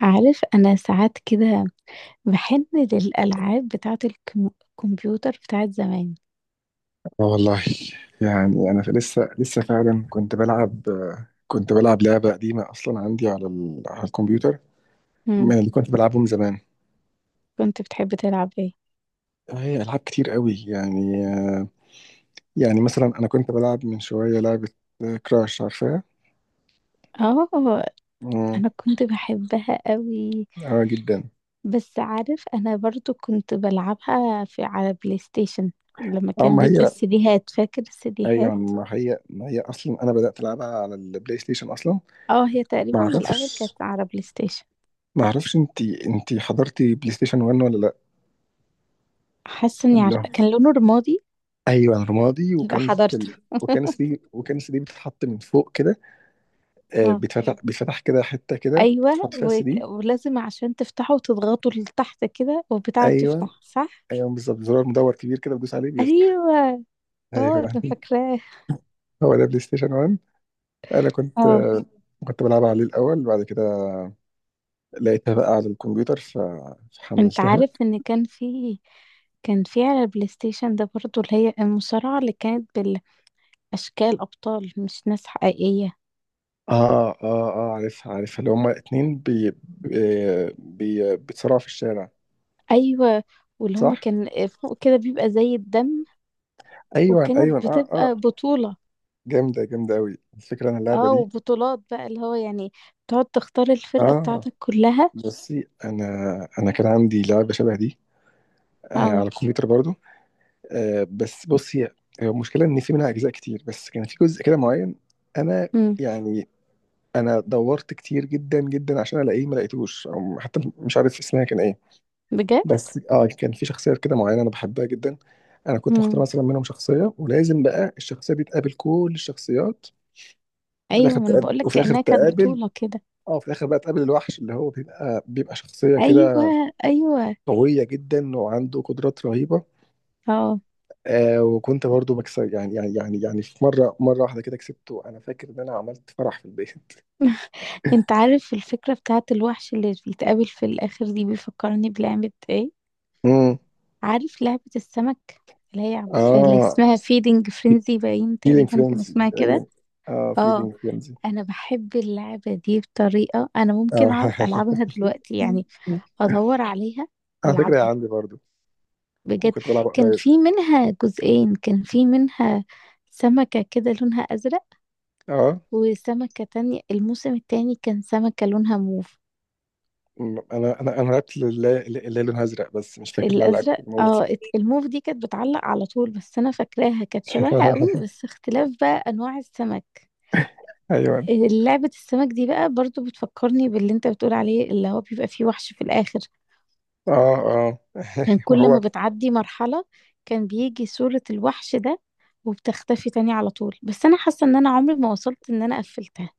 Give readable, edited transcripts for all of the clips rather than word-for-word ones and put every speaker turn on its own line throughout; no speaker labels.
عارف أنا ساعات كده باحن للألعاب بتاعة الكمبيوتر بتاعة زمان.
اه، والله. يعني انا لسه فعلا كنت بلعب لعبه قديمه اصلا عندي على الكمبيوتر،
إمم،
من اللي كنت بلعبهم زمان.
كنت بتحب تلعب إيه؟
هي العاب كتير قوي يعني، يعني مثلا انا كنت بلعب من شويه لعبه كراش، عارفها؟
آه،
امم
أنا كنت باحبها أوي،
اه، جدا.
بس عارف أنا برضه كنت بالعبها في على PlayStation لمّا
اه،
كان
ما
بيبقى
هي،
السيديهات، فاكر
ايوه
السيديهات؟
ما هي ما هي اصلا انا بدات العبها على البلاي ستيشن اصلا.
آه، هي
ما
تقريبًا من الأول
اعرفش
كانت على PlayStation.
ما اعرفش انت حضرتي، بلاي ستيشن 1 ولا لا؟
حاسة إني عارفة
لا،
كان لونه رمادي،
ايوه رمادي،
يبقى حضرته.
وكان السي دي بتتحط من فوق كده. آه،
آه،
بيتفتح كده، حته كده
أيوه
بتحط فيها السي
وك
دي.
ولازم عشان تفتحه تضغطه لتحت كده والبتاعة
ايوه،
بتفتح، صح؟
ايوه بالظبط، زرار مدور كبير كده بتدوس عليه بيفتح.
ايوه، اه،
ايوه،
انا فاكراه.
هو ده بلاي ستيشن 1. انا كنت
اه،
آه، كنت بلعب عليه الاول، بعد كده لقيتها بقى على الكمبيوتر
انت
فحملتها.
عارف ان كان في على البلاي ستيشن ده برضو اللي هي المصارعة اللي كانت بالاشكال، ابطال مش ناس حقيقية.
اه اه اه، عارفها عارفها، اللي هما اتنين بيتصارعوا في الشارع،
ايوه، واللي
صح؟
هما كان فوق كده بيبقى زي الدم،
ايوه
وكانت
ايوه، اه اه.
بتبقى بطولة.
جامده، جامده قوي الفكره، انا اللعبه
اه،
دي.
وبطولات بقى اللي هو يعني تقعد تختار الفرقة
اه،
بتاعتك كلها.
بصي انا كان عندي لعبه شبه دي، آه، على
اه،
الكمبيوتر برضو. آه، بس بصي، هي المشكله ان في منها اجزاء كتير، بس كان في جزء كده معين انا،
امم،
يعني انا دورت كتير جدا جدا عشان الاقيه، ما لقيتوش او حتى مش عارف اسمها كان ايه.
بجد،
بس اه كان في شخصيه كده معينه انا بحبها جدا. انا كنت بختار
امم،
مثلا منهم شخصيه، ولازم بقى الشخصيه دي تقابل كل الشخصيات، وفي
ايوه.
الاخر
ما انا
تقابل،
بقولك
وفي الاخر
كأنها كانت
تقابل
بطولة كده.
اه، في الاخر بقى تقابل الوحش، اللي هو بيبقى شخصيه
ايوه،
كده
ايوه،
قوية جدا وعنده قدرات رهيبة.
اه.
آه، وكنت برضو بكسب يعني في مرة، مرة واحدة كده كسبته، أنا فاكر إن أنا عملت فرح في البيت.
انت عارف الفكرة بتاعت الوحش اللي بيتقابل في الآخر دي بيفكرني بلعبة ايه؟
امم
عارف لعبة السمك، اللي هي اللي
اه،
اسمها فيدنج فرينزي، باين
فيلينج
تقريبا كان
فرينزي
اسمها كده.
أيام. اه،
اه،
فيلينج فرينزي.
انا بحب اللعبة دي بطريقة انا ممكن
اه.
اقعد العبها دلوقتي يعني، ادور عليها
على فكرة يا،
والعبها
عندي برضو،
بجد.
وكنت بلعب
كان
قريب.
في منها جزئين، كان في منها سمكة كده لونها ازرق،
اه،
وسمكة تانية الموسم التاني كان سمكة لونها موف.
أنا لعبت اللي، اللي لونها أزرق، بس مش فاكر اللي أنا لعبت
الازرق
الموز.
اه، الموف دي كانت بتعلق على طول، بس انا فاكراها كانت شبهها قوي، بس اختلاف بقى انواع السمك.
أيوه.
لعبة السمك دي بقى برضو بتفكرني باللي انت بتقول عليه، اللي هو بيبقى فيه وحش في الاخر.
اه اه.
كان
ما
كل ما
هو،
بتعدي مرحلة كان بيجي صورة الوحش ده، وبتختفي تاني على طول، بس انا حاسة ان انا عمري ما وصلت ان انا قفلتها.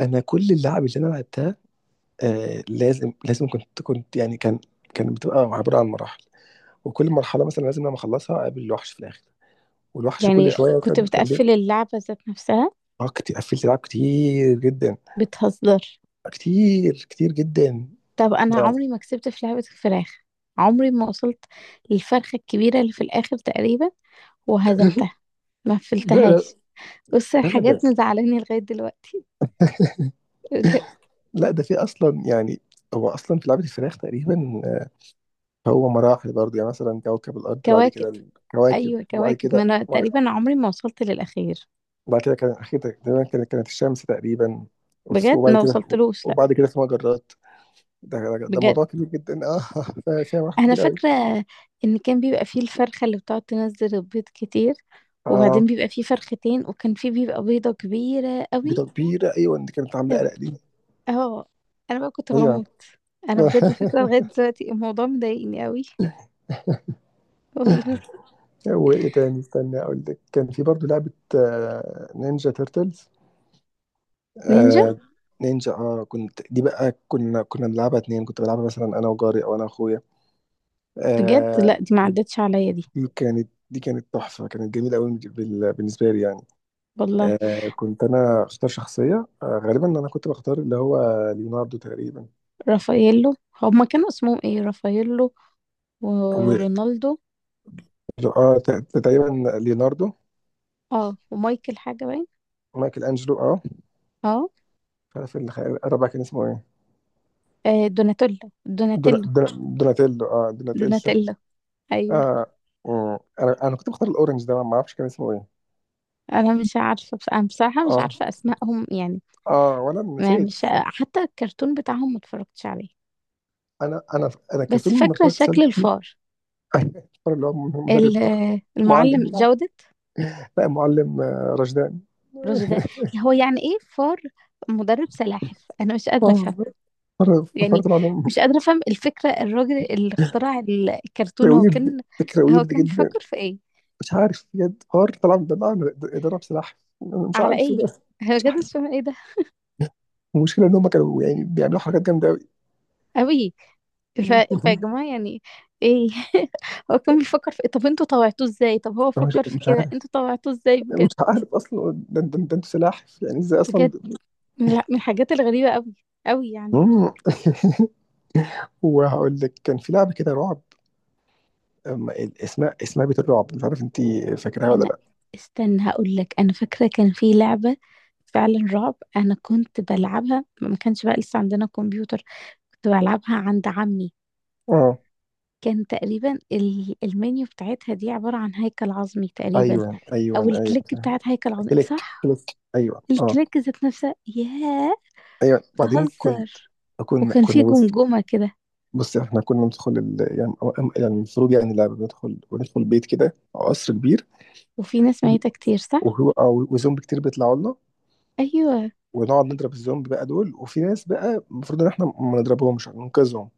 أنا كل اللعب اللي أنا لعبتها آه، لازم كنت يعني كانت بتبقى عبارة عن مراحل، وكل مرحلة مثلا لازم لما أخلصها أقابل الوحش في الآخر، والوحش كل
يعني
شوية
كنت
كان
بتقفل
بيبقى.
اللعبة ذات نفسها،
اه، كتير، قفلت ألعاب كتير جدا،
بتهزر؟
كتير كتير جدا
طب انا
ده.
عمري ما كسبت في لعبة الفراخ، عمري ما وصلت للفرخة الكبيرة اللي في الاخر تقريبا وهزمتها، ما
لا لا
فلتهاش. بص
لا لا، ده
الحاجات مزعلاني لغاية دلوقتي بجد.
لا، ده في أصلا يعني، هو أصلا في لعبة الفراخ تقريبا آه، هو مراحل برضه يعني، مثلا كوكب الأرض، بعد كده
كواكب،
الكواكب،
ايوه
وبعد
كواكب، ما
كده
انا تقريبا عمري ما وصلت للاخير.
وبعد كده كان أخيرا تقريبا، كانت الشمس تقريبا،
بجد
وبعد
ما
كده
وصلتلوش، لا
وبعد كده في مجرات. ده
بجد.
موضوع كبير جدا، اه. فيها مراحل
انا
كتير قوي.
فاكرة ان كان بيبقى فيه الفرخة اللي بتقعد تنزل البيض كتير،
اه
وبعدين بيبقى فيه فرختين وكان فيه بيبقى بيضة كبيرة قوي.
بتكبيرة، ايوه، دي كانت عاملة قلق دي.
اه، انا بقى كنت
ايوه.
بموت. انا بجد فكرة لغاية دلوقتي الموضوع مضايقني قوي. والله.
وايه تاني، استنى اقول لك، كان في برضه لعبة آه، نينجا تيرتلز،
نينجا،
آه نينجا. اه كنت دي بقى، كنا بنلعبها اتنين، كنت بلعبها مثلا انا وجاري، او انا واخويا،
بجد
آه.
لا دي ما عدتش عليا دي.
دي كانت تحفة، كانت جميلة قوي بالنسبة لي يعني.
والله،
كنت انا اختار شخصية آه، غالبا انا كنت بختار اللي هو ليوناردو تقريبا.
رافاييلو، هما كانوا اسمهم ايه؟ رافاييلو ورونالدو،
اه، تقريبا ليوناردو.
اه، ومايكل حاجة باين.
مايكل انجلو، اه.
اه،
مش عارف الرابع كان اسمه ايه؟
آه، دوناتيلا،
دونا-
دوناتيلو،
دونا- دوناتيلو، اه دوناتيلو.
دوناتيلا، ايوه.
اه. مم. انا كنت بختار الاورنج ده، ما اعرفش كان اسمه ايه.
انا مش عارفة، بس انا بصراحة مش
اه،
عارفة اسمائهم يعني.
اه ولا أنا
ما
نسيت.
مش حتى الكرتون بتاعهم ما اتفرجتش عليه،
انا
بس
كرتون ما
فاكرة
اتفرجتش عليه
شكل
كتير.
الفار.
الكرتون اللي هو المدرب
ال-
بتاعه، معلم
المعلم
بتاعه،
جودة،
لا معلم آه، رشدان.
رز ده؟ هو يعني ايه فار مدرب سلاحف؟ انا مش قادره
اه،
افهم
مرة
يعني،
فكرت العلوم.
مش قادره افهم الفكره، الراجل اللي اخترع
فكرة
الكرتون هو
ويرد،
كان،
فكرة
هو
ويرد
كان
جدا.
بيفكر في ايه؟
مش عارف بجد، حوار طلع من دماغي، ضرب سلاح، أنا مش
على
عارف إيه
ايه؟
ده.
هو كده مش فاهمة ايه ده.
المشكلة إن هم كانوا يعني بيعملوا حركات جامدة أوي.
قوي. ف... فيا جماعه يعني، ايه؟ هو كان بيفكر في إيه؟ طب انتوا طوعتوه ازاي؟ طب هو
مش
فكر في
مش
كده
عارف،
انتوا طوعتوه ازاي
مش
بجد؟
عارف أصلا ده، ده أنتوا سلاحف، يعني إزاي أصلا
بجد لا، من الحاجات الغريبه قوي، قوي يعني.
مم. وهقول لك، كان في لعبة كده رعب، اسمها بيت الرعب، مش عارف أنت فاكراها ولا
انا
لأ.
استنى هقول لك، انا فاكره كان في لعبه فعلا رعب، انا كنت بلعبها ما كانش بقى لسه عندنا كمبيوتر، كنت بلعبها عند عمي.
أه،
كان تقريبا المنيو بتاعتها دي عباره عن هيكل عظمي تقريبا،
أيوه أيوه
او
أيوه.
الكليك بتاعت هيكل عظمي،
كليك
صح؟
كليك، أيوه، أه.
الكليك ذات نفسها، ياه،
أيوه، بعدين كنت،
بتهزر؟
كنا
وكان في
كنا
جمجمه كده،
بص، احنا كنا ندخل ال... يعني يعني المفروض، يعني اللعبة بندخل وندخل بيت كده، قصر كبير،
وفي ناس
و-
ميته كتير، صح؟
وهو أو وزومبي كتير بيطلعوا لنا،
ايوه،
ونقعد نضرب الزومبي بقى دول، وفي ناس بقى المفروض ان احنا ما نضربهمش، ننقذهم.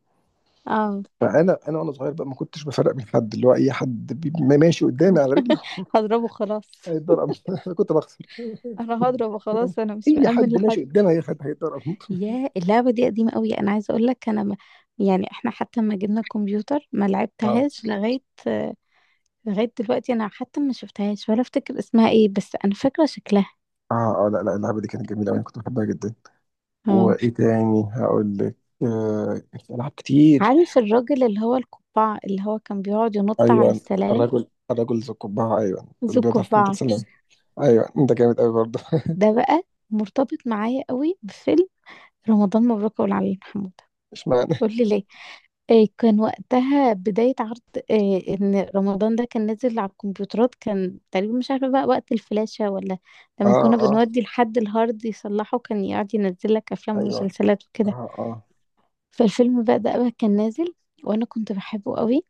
اه.
فانا، وانا صغير بقى ما كنتش بفرق بين حد، اللي هو اي حد ما ماشي قدامي على رجله.
هضربه خلاص،
هيتضرب، انا كنت بخسر.
انا هضربه خلاص، انا مش
اي
مأمن
حد
لحد.
ماشي قدامي، هي حد هيتضرب.
يا اللعبة دي قديمة قوي، انا عايزة اقول لك انا ما، يعني احنا حتى ما جبنا الكمبيوتر ما
اه
لعبتهاش لغاية دلوقتي، انا حتى ما شفتهاش ولا افتكر اسمها ايه، بس انا فاكرة شكلها.
اه اه، لا لا، اللعبه دي كانت جميله أوي، انا كنت بحبها جدا.
اه،
وايه تاني هقول لك، آه في العاب كتير.
عارف الراجل اللي هو القبعة اللي هو كان بيقعد ينط على
ايوه،
السلالم؟
الرجل ذو القبعه، ايوه اللي
ذو
بيضعف في
القبعة،
المدرسه. ايوه انت جامد قوي برضه.
ده بقى مرتبط معايا قوي بفيلم رمضان مبروك أبو العلي محمود.
اشمعنى؟
قول لي ليه؟ إيه كان وقتها بداية عرض إيه، إن رمضان ده كان نازل على الكمبيوترات، كان تقريبا مش عارفة بقى وقت الفلاشة ولا
اه
لما كنا
اه،
بنودي لحد الهارد يصلحه كان يقعد ينزل لك أفلام
ايوه،
ومسلسلات وكده.
اه اه
فالفيلم بقى ده بقى كان نازل، وأنا كنت بحبه قوي،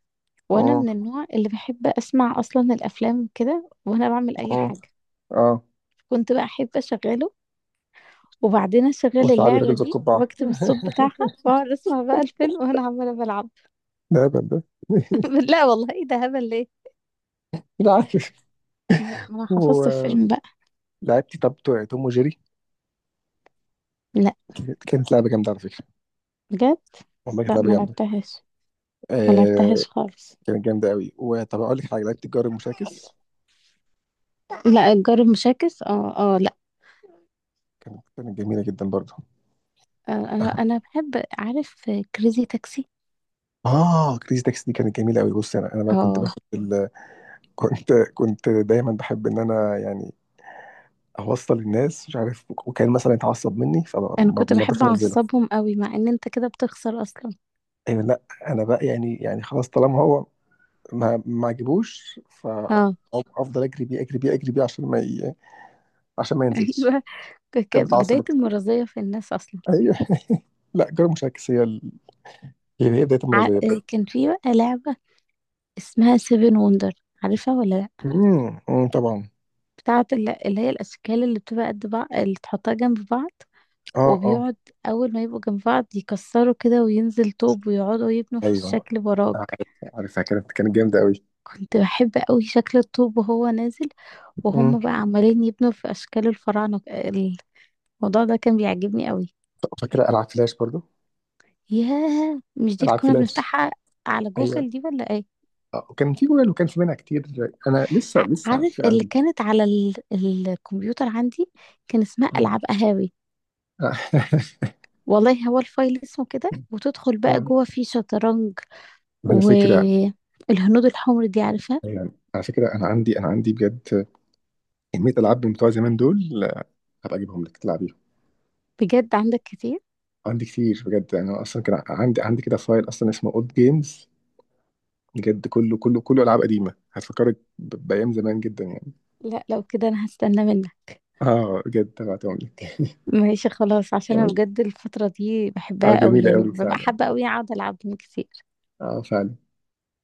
وأنا
اه
من النوع اللي بحب أسمع أصلا الأفلام وكده وأنا بعمل أي
اه
حاجة.
اه،
كنت بقى أحب أشغله وبعدين أشغل
قلت لعبي راجل
اللعبة
ذو
دي
القبعة.
وأكتب الصوت بتاعها، وأقعد أسمع بقى الفيلم وأنا عمالة بلعب.
ده هبل ده.
لا والله إيه ده هبل ليه؟
لا، عارف.
ما لا، ما انا حفظت
ولعبت،
الفيلم بقى.
طب بتوع توم وجيري
لا،
كانت لعبة جامدة على فكرة.
بجد.
والله كانت
لا
لعبة
ما
جامدة،
لعبتهاش، ما
آه.
لعبتهاش خالص.
كانت جامدة قوي. وطب أقول لك حاجة، لعبت الجار المشاكس،
لا الجار المشاكس اه اه، لا.
كانت جميلة جدا برضه.
آه، انا انا بحب. عارف كريزي تاكسي؟
اه، كريزي تاكسي دي كانت جميله قوي. بص انا، انا بقى كنت
اه،
باخد ال... كنت دايما بحب ان انا يعني، اوصل الناس مش عارف، وكان مثلا يتعصب مني، فما
انا
ما
كنت
رضيتش
بحب
انزله.
اعصبهم قوي مع ان انت كده بتخسر اصلا.
ايوه، لا، انا بقى يعني، يعني خلاص، طالما هو ما عجبوش،
اه.
فافضل اجري بيه اجري بيه اجري بيه عشان ما ي... عشان ما ينزلش.
ايوه،
كان بتعصب
بداية
اكتر.
المرضية في الناس اصلا.
ايوه. لا جرى مش عكس، هي بدايه
ع...
المرضيه بجد.
آه، كان في بقى لعبة اسمها سيفن وندر، عارفها ولا لا؟
أمم، أمم، طبعا.
بتاعة اللي اللي هي الاشكال اللي بتبقى قد بعض اللي تحطها جنب بعض،
اه اه،
وبيقعد اول ما يبقوا جنب بعض يكسروا كده وينزل طوب ويقعدوا يبنوا في
ايوه
الشكل وراك.
عارف، عارفها كانت جامده قوي.
كنت بحب قوي شكل الطوب وهو نازل،
امم،
وهم بقى عمالين يبنوا في اشكال الفراعنه. الموضوع ده كان بيعجبني قوي.
طب فاكره العاب فلاش برضو؟
ياه مش دي اللي
العاب
كنا
فلاش،
بنفتحها على
ايوه
جوجل دي ولا ايه؟
آه، وكان في جوال وكان في منها كتير. انا لسه لسه على
عارف
فكره
اللي
عندي.
كانت على الكمبيوتر عندي، كان اسمها
أمم.
العاب قهاوي.
آه.
والله هو الفايل اسمه كده، وتدخل بقى
آه.
جوه فيه شطرنج،
على فكره،
والهنود الحمر دي، عارفها؟
يعني على فكره، انا عندي بجد كميه العاب بتوع زمان دول، هبقى اجيبهم لك تلعبيهم.
بجد عندك كتير؟
عندي كتير بجد، يعني انا اصلا كان عندي كده فايل اصلا اسمه اولد جيمز، بجد كله كله كله العاب قديمه، هتفكرك بايام زمان جدا يعني.
لا لو كده انا هستنى منك.
اه بجد هبعتهم لك.
ماشي خلاص، عشان انا بجد الفترة دي
اه
بحبها قوي
جميله
يعني،
قوي
ببقى
فعلا،
حابة قوي اقعد العب جيم كتير.
اه فعلا.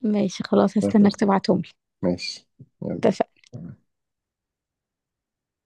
ماشي خلاص هستناك تبعتهم لي.
ماشي، يلا.
اتفقنا.